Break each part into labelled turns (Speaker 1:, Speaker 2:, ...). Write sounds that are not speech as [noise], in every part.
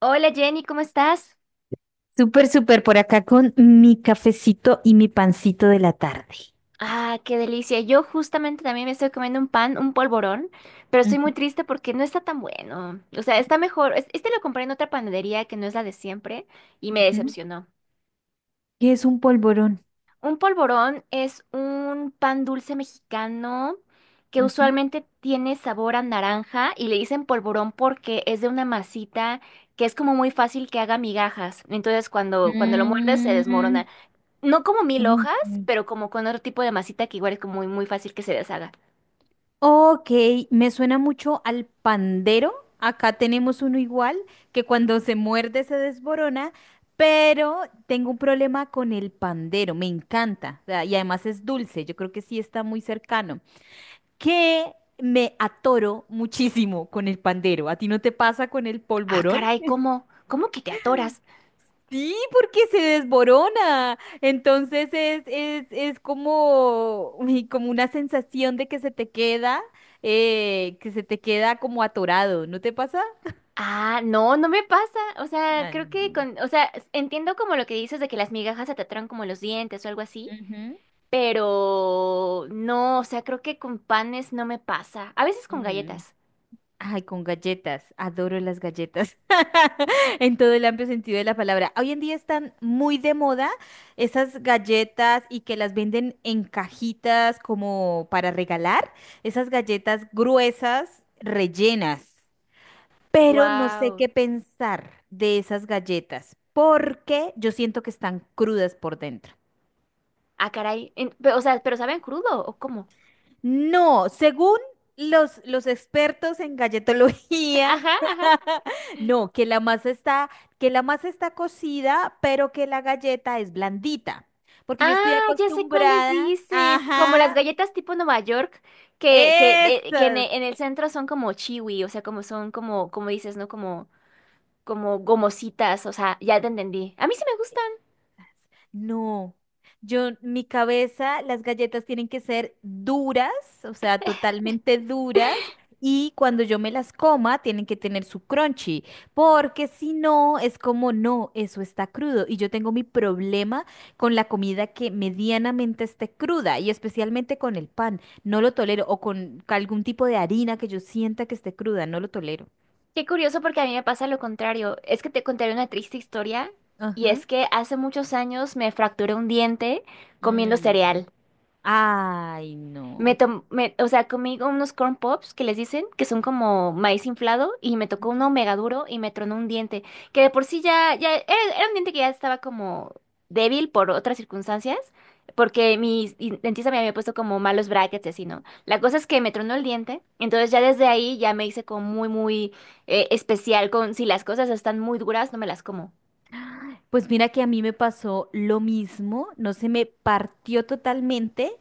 Speaker 1: Hola Jenny, ¿cómo estás?
Speaker 2: Súper, súper por acá con mi cafecito y mi pancito de la tarde.
Speaker 1: Ah, qué delicia. Yo justamente también me estoy comiendo un pan, un polvorón, pero estoy
Speaker 2: Ujú,
Speaker 1: muy triste porque no está tan bueno. O sea, está mejor. Este lo compré en otra panadería que no es la de siempre y me
Speaker 2: ujú,
Speaker 1: decepcionó.
Speaker 2: ¿qué es un polvorón?
Speaker 1: Un polvorón es un pan dulce mexicano que
Speaker 2: Ujú.
Speaker 1: usualmente tiene sabor a naranja y le dicen polvorón porque es de una masita que es como muy fácil que haga migajas. Entonces, cuando lo muerdes se
Speaker 2: Mm.
Speaker 1: desmorona. No como mil
Speaker 2: Ujú.
Speaker 1: hojas, pero como con otro tipo de masita que igual es como muy, muy fácil que se deshaga.
Speaker 2: Ok, me suena mucho al pandero. Acá tenemos uno igual que cuando se muerde se desborona, pero tengo un problema con el pandero. Me encanta. O sea, y además es dulce. Yo creo que sí está muy cercano. Que me atoro muchísimo con el pandero. ¿A ti no te pasa con el
Speaker 1: Ah,
Speaker 2: polvorón?
Speaker 1: caray, ¿cómo? ¿Cómo que te atoras?
Speaker 2: Sí, porque se desborona. Entonces es como, uy, como una sensación de que se te queda, que se te queda como atorado. ¿No te pasa?
Speaker 1: Ah, no, no me pasa. O sea,
Speaker 2: Ah,
Speaker 1: creo que
Speaker 2: no.
Speaker 1: con, o sea, entiendo como lo que dices de que las migajas se te atoran como los dientes o algo así,
Speaker 2: Ujú.
Speaker 1: pero no, o sea, creo que con panes no me pasa. A veces con
Speaker 2: Mm.
Speaker 1: galletas.
Speaker 2: Ay, con galletas. Adoro las galletas. [laughs] En todo el amplio sentido de la palabra. Hoy en día están muy de moda esas galletas y que las venden en cajitas como para regalar. Esas galletas gruesas, rellenas. Pero no sé
Speaker 1: Wow.
Speaker 2: qué pensar de esas galletas, porque yo siento que están crudas por dentro.
Speaker 1: Ah, caray. O sea, ¿pero saben crudo o cómo?
Speaker 2: No, según los expertos en
Speaker 1: [laughs]
Speaker 2: galletología,
Speaker 1: Ajá, ajá.
Speaker 2: [laughs] no, que la masa está, que la masa está cocida, pero que la galleta es blandita, porque yo estoy
Speaker 1: Ah, ya sé cuáles
Speaker 2: acostumbrada,
Speaker 1: dices. Como las
Speaker 2: ajá,
Speaker 1: galletas tipo Nueva York, que, de- que en,
Speaker 2: eso.
Speaker 1: e- en el centro son como chiwi, o sea, como son como, como dices, ¿no? Como, como gomositas, o sea, ya te entendí. A mí sí me gustan.
Speaker 2: No, yo, mi cabeza, las galletas tienen que ser duras, o sea, totalmente duras, y cuando yo me las coma, tienen que tener su crunchy, porque si no, es como, no, eso está crudo, y yo tengo mi problema con la comida que medianamente esté cruda, y especialmente con el pan, no lo tolero, o con algún tipo de harina que yo sienta que esté cruda, no lo tolero.
Speaker 1: Qué curioso porque a mí me pasa lo contrario. Es que te contaré una triste historia y
Speaker 2: Ajá.
Speaker 1: es que hace muchos años me fracturé un diente comiendo
Speaker 2: Mm.
Speaker 1: cereal.
Speaker 2: Ay, no.
Speaker 1: O sea, comí unos corn pops que les dicen que son como maíz inflado y me tocó uno mega duro y me tronó un diente, que de por sí era un diente que ya estaba como débil por otras circunstancias, porque mi dentista me había puesto como malos brackets y así, ¿no? La cosa es que me tronó el diente, entonces ya desde ahí ya me hice como muy, muy especial con si las cosas están muy duras, no me las como.
Speaker 2: Pues mira que a mí me pasó lo mismo, no se me partió totalmente,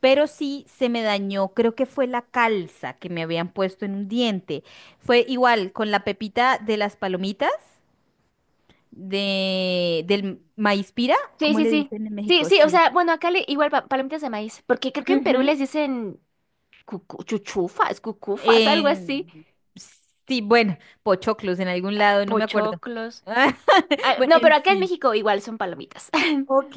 Speaker 2: pero sí se me dañó, creo que fue la calza que me habían puesto en un diente. Fue igual con la pepita de las palomitas, de, del maíz pira,
Speaker 1: Sí,
Speaker 2: ¿cómo
Speaker 1: sí,
Speaker 2: le
Speaker 1: sí.
Speaker 2: dicen en
Speaker 1: Sí,
Speaker 2: México?
Speaker 1: sí, o
Speaker 2: Sí.
Speaker 1: sea, bueno, acá le, igual palomitas de maíz, porque creo que en Perú
Speaker 2: Ujú.
Speaker 1: les dicen chuchufas, cucufas, algo
Speaker 2: Eh,
Speaker 1: así,
Speaker 2: sí, bueno, pochoclos en algún lado, no me acuerdo.
Speaker 1: pochoclos.
Speaker 2: [laughs]
Speaker 1: Ah,
Speaker 2: Bueno,
Speaker 1: no,
Speaker 2: en
Speaker 1: pero acá en
Speaker 2: fin.
Speaker 1: México igual son palomitas.
Speaker 2: Ok,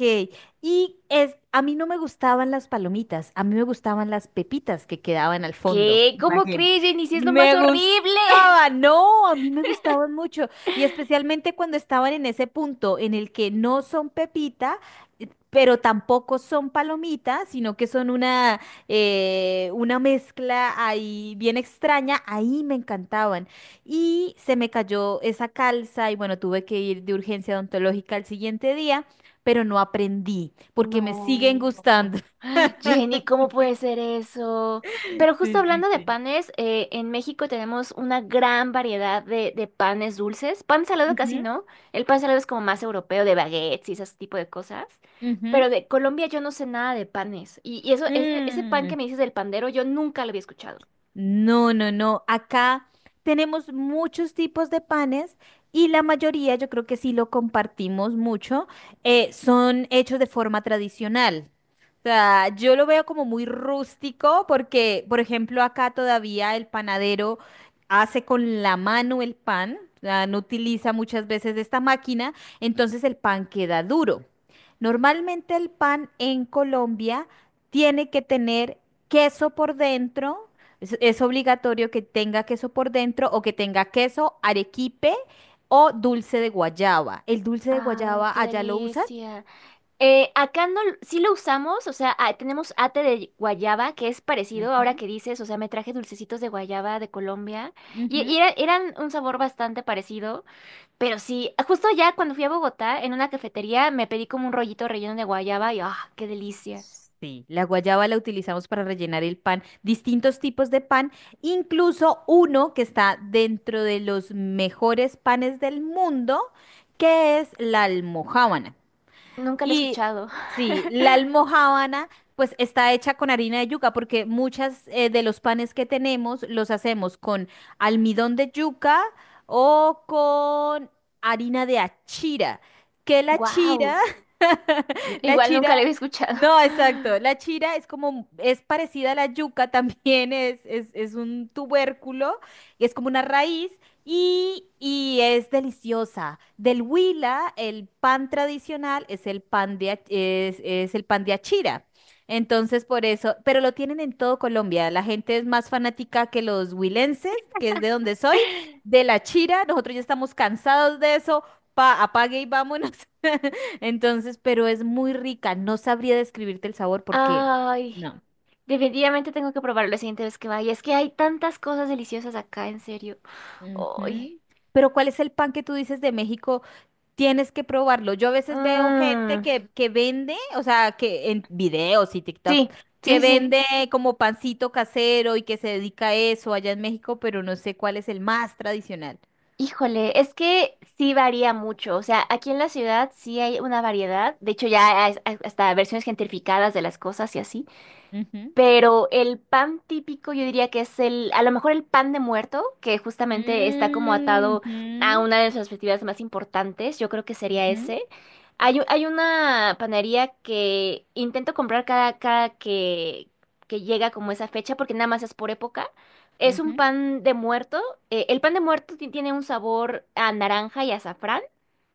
Speaker 2: y es, a mí no me gustaban las palomitas, a mí me gustaban las pepitas que quedaban al
Speaker 1: [laughs]
Speaker 2: fondo.
Speaker 1: ¿Qué? ¿Cómo
Speaker 2: Imagínate.
Speaker 1: crees, Jenny? Si es lo más
Speaker 2: Me
Speaker 1: horrible. [laughs]
Speaker 2: gustaban, no, a mí me gustaban mucho. Y especialmente cuando estaban en ese punto en el que no son pepita, pero tampoco son palomitas, sino que son una mezcla ahí bien extraña, ahí me encantaban. Y se me cayó esa calza y bueno, tuve que ir de urgencia odontológica al siguiente día pero no aprendí porque me siguen
Speaker 1: No.
Speaker 2: gustando. [laughs]
Speaker 1: Jenny, ¿cómo puede ser eso? Pero justo
Speaker 2: Sí, sí,
Speaker 1: hablando de
Speaker 2: sí.
Speaker 1: panes, en México tenemos una gran variedad de panes dulces. Pan salado casi
Speaker 2: Ujú,
Speaker 1: no. El pan salado es como más europeo, de baguettes y ese tipo de cosas.
Speaker 2: ujú.
Speaker 1: Pero de Colombia yo no sé nada de panes. Y ese pan
Speaker 2: Mm.
Speaker 1: que me dices del pandero, yo nunca lo había escuchado.
Speaker 2: No, no, no. Acá tenemos muchos tipos de panes y la mayoría, yo creo que sí lo compartimos mucho, son hechos de forma tradicional. O sea, yo lo veo como muy rústico porque, por ejemplo, acá todavía el panadero hace con la mano el pan, o sea, no utiliza muchas veces esta máquina, entonces el pan queda duro. Normalmente el pan en Colombia tiene que tener queso por dentro, es obligatorio que tenga queso por dentro o que tenga queso, arequipe o dulce de guayaba. ¿El dulce de
Speaker 1: Ah, qué
Speaker 2: guayaba allá lo usan?
Speaker 1: delicia. Acá no, sí lo usamos, o sea, ah, tenemos ate de guayaba, que es parecido ahora
Speaker 2: Ujú,
Speaker 1: que dices, o sea, me traje dulcecitos de guayaba de Colombia,
Speaker 2: ujú.
Speaker 1: eran un sabor bastante parecido, pero sí, justo ya cuando fui a Bogotá, en una cafetería, me pedí como un rollito relleno de guayaba, y ¡ah, qué delicia!
Speaker 2: Sí, la guayaba la utilizamos para rellenar el pan, distintos tipos de pan, incluso uno que está dentro de los mejores panes del mundo, que es la almojábana.
Speaker 1: Nunca lo he
Speaker 2: Y
Speaker 1: escuchado. [laughs]
Speaker 2: sí, la almojábana pues está hecha con harina de yuca porque muchas de los panes que tenemos los hacemos con almidón de yuca o con harina de achira, que la chira,
Speaker 1: Wow.
Speaker 2: [laughs] la
Speaker 1: Igual nunca
Speaker 2: chira,
Speaker 1: lo había escuchado.
Speaker 2: no, exacto,
Speaker 1: [laughs]
Speaker 2: la chira es como, es parecida a la yuca [laughs] también, es un tubérculo, y es como una raíz y es deliciosa. Del Huila, el pan tradicional es el pan de, es el pan de achira. Entonces, por eso, pero lo tienen en todo Colombia. La gente es más fanática que los huilenses, que es de donde soy, de la chira. Nosotros ya estamos cansados de eso. Pa, apague y vámonos. [laughs] Entonces, pero es muy rica. No sabría describirte el sabor porque
Speaker 1: Ay,
Speaker 2: no.
Speaker 1: definitivamente tengo que probarlo la siguiente vez que vaya, es que hay tantas cosas deliciosas acá, en serio. Ay.
Speaker 2: Ujú. Pero ¿cuál es el pan que tú dices de México? Tienes que probarlo. Yo a veces veo gente
Speaker 1: Mm,
Speaker 2: que vende, o sea, que en videos y TikTok,
Speaker 1: sí,
Speaker 2: que
Speaker 1: sí, sí.
Speaker 2: vende como pancito casero y que se dedica a eso allá en México, pero no sé cuál es el más tradicional.
Speaker 1: Híjole, es que sí varía mucho. O sea, aquí en la ciudad sí hay una variedad. De hecho, ya hay hasta versiones gentrificadas de las cosas y así.
Speaker 2: Ujú.
Speaker 1: Pero el pan típico yo diría que es el, a lo mejor el pan de muerto, que justamente está como
Speaker 2: Mm,
Speaker 1: atado a
Speaker 2: ujú,
Speaker 1: una de nuestras festividades más importantes, yo creo que sería
Speaker 2: ujú,
Speaker 1: ese. Hay una panadería que intento comprar cada que llega como esa fecha, porque nada más es por época. Es un
Speaker 2: ujú,
Speaker 1: pan de muerto. El pan de muerto tiene un sabor a naranja y azafrán.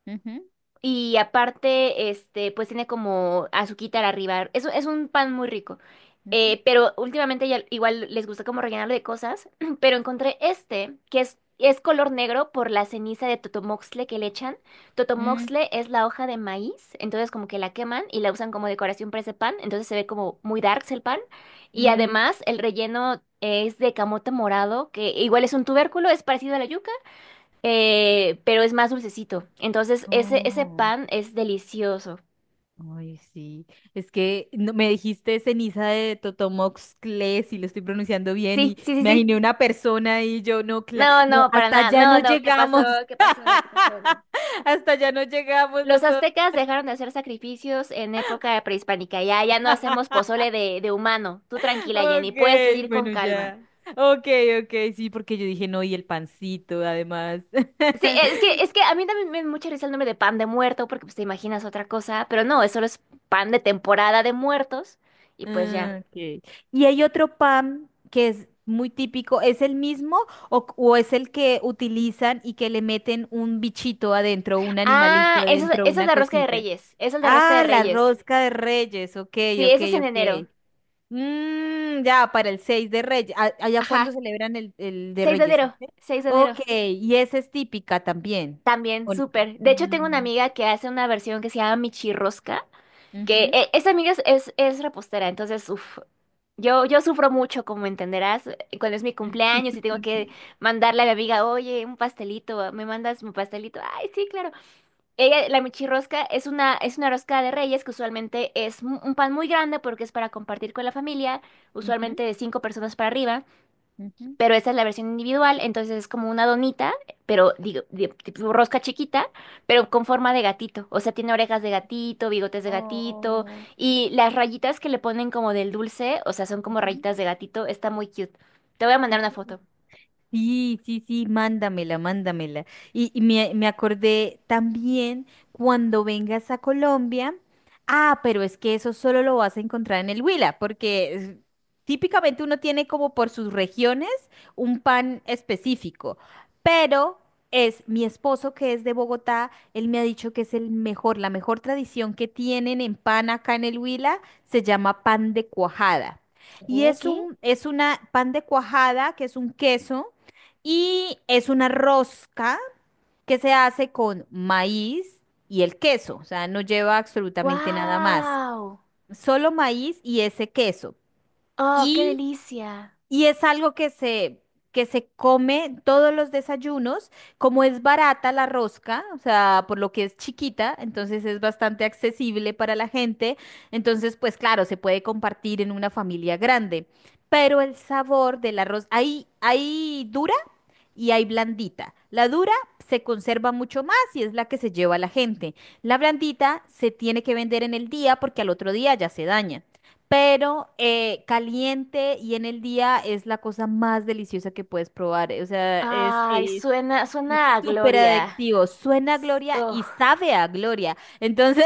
Speaker 2: ujú,
Speaker 1: Y aparte, este, pues tiene como azuquitar arriba. Es un pan muy rico.
Speaker 2: ujú,
Speaker 1: Pero últimamente ya igual les gusta como rellenarlo de cosas. [clears throat] Pero encontré este, que es color negro por la ceniza de totomoxle que le echan.
Speaker 2: mm,
Speaker 1: Totomoxle es la hoja de maíz, entonces como que la queman y la usan como decoración para ese pan. Entonces se ve como muy darks el pan. Y
Speaker 2: mm,
Speaker 1: además el relleno es de camote morado, que igual es un tubérculo, es parecido a la yuca pero es más dulcecito. Entonces, ese
Speaker 2: oh.
Speaker 1: pan es delicioso.
Speaker 2: Ay, sí. Es que me dijiste ceniza de Totomoxcle, si lo estoy pronunciando bien, y
Speaker 1: Sí, sí, sí,
Speaker 2: me
Speaker 1: sí.
Speaker 2: imaginé una persona y yo no,
Speaker 1: No,
Speaker 2: no,
Speaker 1: no, para
Speaker 2: hasta
Speaker 1: nada.
Speaker 2: allá
Speaker 1: No,
Speaker 2: no
Speaker 1: no, ¿qué pasó?
Speaker 2: llegamos.
Speaker 1: ¿Qué pasó? ¿Qué pasó? No.
Speaker 2: [laughs] Hasta allá no llegamos
Speaker 1: Los
Speaker 2: nosotros.
Speaker 1: aztecas dejaron de hacer sacrificios en época prehispánica. Ya, ya no hacemos
Speaker 2: [laughs]
Speaker 1: pozole de humano. Tú tranquila, Jenny, puedes
Speaker 2: Ok,
Speaker 1: venir con
Speaker 2: bueno,
Speaker 1: calma.
Speaker 2: ya. Ok, ok, sí, porque yo dije no, y el pancito, además.
Speaker 1: Sí, es
Speaker 2: [laughs]
Speaker 1: que, es que a mí también me da mucha risa el nombre de pan de muerto, porque pues te imaginas otra cosa, pero no, eso es pan de temporada de muertos, y pues ya.
Speaker 2: Ah, ok. Y hay otro pan que es muy típico, ¿es el mismo o es el que utilizan y que le meten un bichito adentro, un animalito adentro,
Speaker 1: Eso es
Speaker 2: una
Speaker 1: de rosca de
Speaker 2: cosita?
Speaker 1: reyes, eso es de rosca de
Speaker 2: Ah, la
Speaker 1: reyes.
Speaker 2: rosca de Reyes, ok,
Speaker 1: Sí,
Speaker 2: ok,
Speaker 1: eso es en enero.
Speaker 2: ok. Mm, ya, para el 6 de Reyes. ¿Allá cuándo
Speaker 1: Ajá,
Speaker 2: celebran el de
Speaker 1: 6 de
Speaker 2: Reyes?
Speaker 1: enero,
Speaker 2: ¿Sí?
Speaker 1: 6 de enero.
Speaker 2: Ok, y esa es típica también.
Speaker 1: También,
Speaker 2: ¿O no?
Speaker 1: súper. De hecho, tengo una
Speaker 2: Ujú,
Speaker 1: amiga que hace una versión que se llama Michirrosca, que
Speaker 2: ujú,
Speaker 1: esa amiga es repostera, entonces, uff, yo sufro mucho, como entenderás, cuando es mi cumpleaños y
Speaker 2: [laughs]
Speaker 1: tengo que mandarle a mi amiga, oye, un pastelito, ¿me mandas mi pastelito? Ay, sí, claro. Ella, la Michirrosca es una rosca de reyes que usualmente es un pan muy grande porque es para compartir con la familia,
Speaker 2: ujú,
Speaker 1: usualmente de cinco personas para arriba.
Speaker 2: ujú.
Speaker 1: Pero esa es la versión individual, entonces es como una donita, pero digo, tipo rosca chiquita, pero con forma de gatito, o sea, tiene orejas de gatito, bigotes de gatito,
Speaker 2: Oh.
Speaker 1: y las rayitas que le ponen como del dulce, o sea, son como
Speaker 2: Ujú.
Speaker 1: rayitas de gatito, está muy cute. Te voy a mandar
Speaker 2: No.
Speaker 1: una foto.
Speaker 2: Sí, sí, sí, mándamela, mándamela. Y me, me acordé también cuando vengas a Colombia. Ah, pero es que eso solo lo vas a encontrar en el Huila, porque típicamente uno tiene como por sus regiones un pan específico. Pero es mi esposo que es de Bogotá, él me ha dicho que es el mejor, la mejor tradición que tienen en pan acá en el Huila se llama pan de cuajada.
Speaker 1: ¿Qué?
Speaker 2: Y es
Speaker 1: ¿Qué?
Speaker 2: un, es una pan de cuajada, que es un queso y es una rosca que se hace con maíz y el queso, o sea, no lleva absolutamente nada más,
Speaker 1: ¡Wow!
Speaker 2: solo maíz y ese queso.
Speaker 1: ¡Oh, qué
Speaker 2: Y,
Speaker 1: delicia!
Speaker 2: y es algo que se come todos los desayunos, como es barata la rosca, o sea, por lo que es chiquita, entonces es bastante accesible para la gente, entonces pues claro, se puede compartir en una familia grande, pero el sabor del arroz, ahí, ahí dura y hay blandita. La dura se conserva mucho más y es la que se lleva a la gente. La blandita se tiene que vender en el día porque al otro día ya se daña. Pero caliente y en el día es la cosa más deliciosa que puedes probar. O sea,
Speaker 1: Ay,
Speaker 2: Es
Speaker 1: suena a
Speaker 2: súper
Speaker 1: gloria.
Speaker 2: adictivo. Suena a gloria
Speaker 1: Ugh.
Speaker 2: y sabe a gloria. Entonces,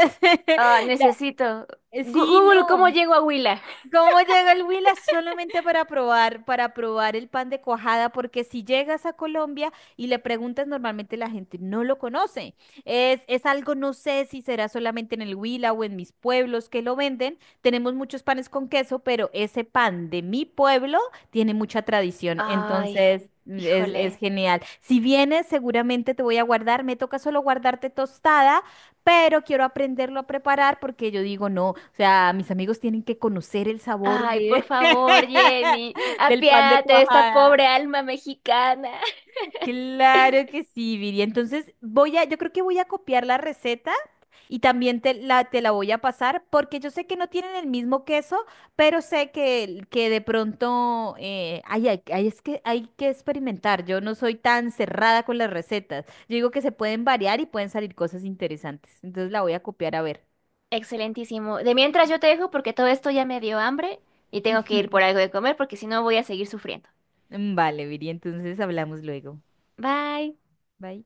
Speaker 1: Ah,
Speaker 2: [laughs] la-
Speaker 1: necesito.
Speaker 2: sí,
Speaker 1: Google, ¿cómo
Speaker 2: no.
Speaker 1: llego a Huila?
Speaker 2: ¿Cómo llega el Huila? Solamente para probar el pan de cuajada, porque si llegas a Colombia y le preguntas, normalmente la gente no lo conoce. Es algo, no sé si será solamente en el Huila o en mis pueblos que lo venden. Tenemos muchos panes con queso, pero ese pan de mi pueblo tiene mucha tradición,
Speaker 1: Ay,
Speaker 2: entonces es
Speaker 1: híjole.
Speaker 2: genial. Si vienes, seguramente te voy a guardar. Me toca solo guardarte tostada pero quiero aprenderlo a preparar porque yo digo, no, o sea, mis amigos tienen que conocer el sabor
Speaker 1: Ay, por
Speaker 2: de
Speaker 1: favor,
Speaker 2: [laughs]
Speaker 1: Jenny,
Speaker 2: del pan de
Speaker 1: apiate de esta
Speaker 2: cuajada.
Speaker 1: pobre alma mexicana.
Speaker 2: Claro que sí, Viri. Entonces voy a, yo creo que voy a copiar la receta y también te la voy a pasar porque yo sé que no tienen el mismo queso, pero sé que de pronto ay, ay, ay, es que hay que experimentar. Yo no soy tan cerrada con las recetas. Yo digo que se pueden variar y pueden salir cosas interesantes. Entonces la voy a copiar a ver.
Speaker 1: Excelentísimo. De mientras yo te dejo porque todo esto ya me dio hambre y tengo que ir por algo de comer porque si no voy a seguir sufriendo.
Speaker 2: Mm, vale, Viri, entonces hablamos luego.
Speaker 1: Bye.
Speaker 2: Bye.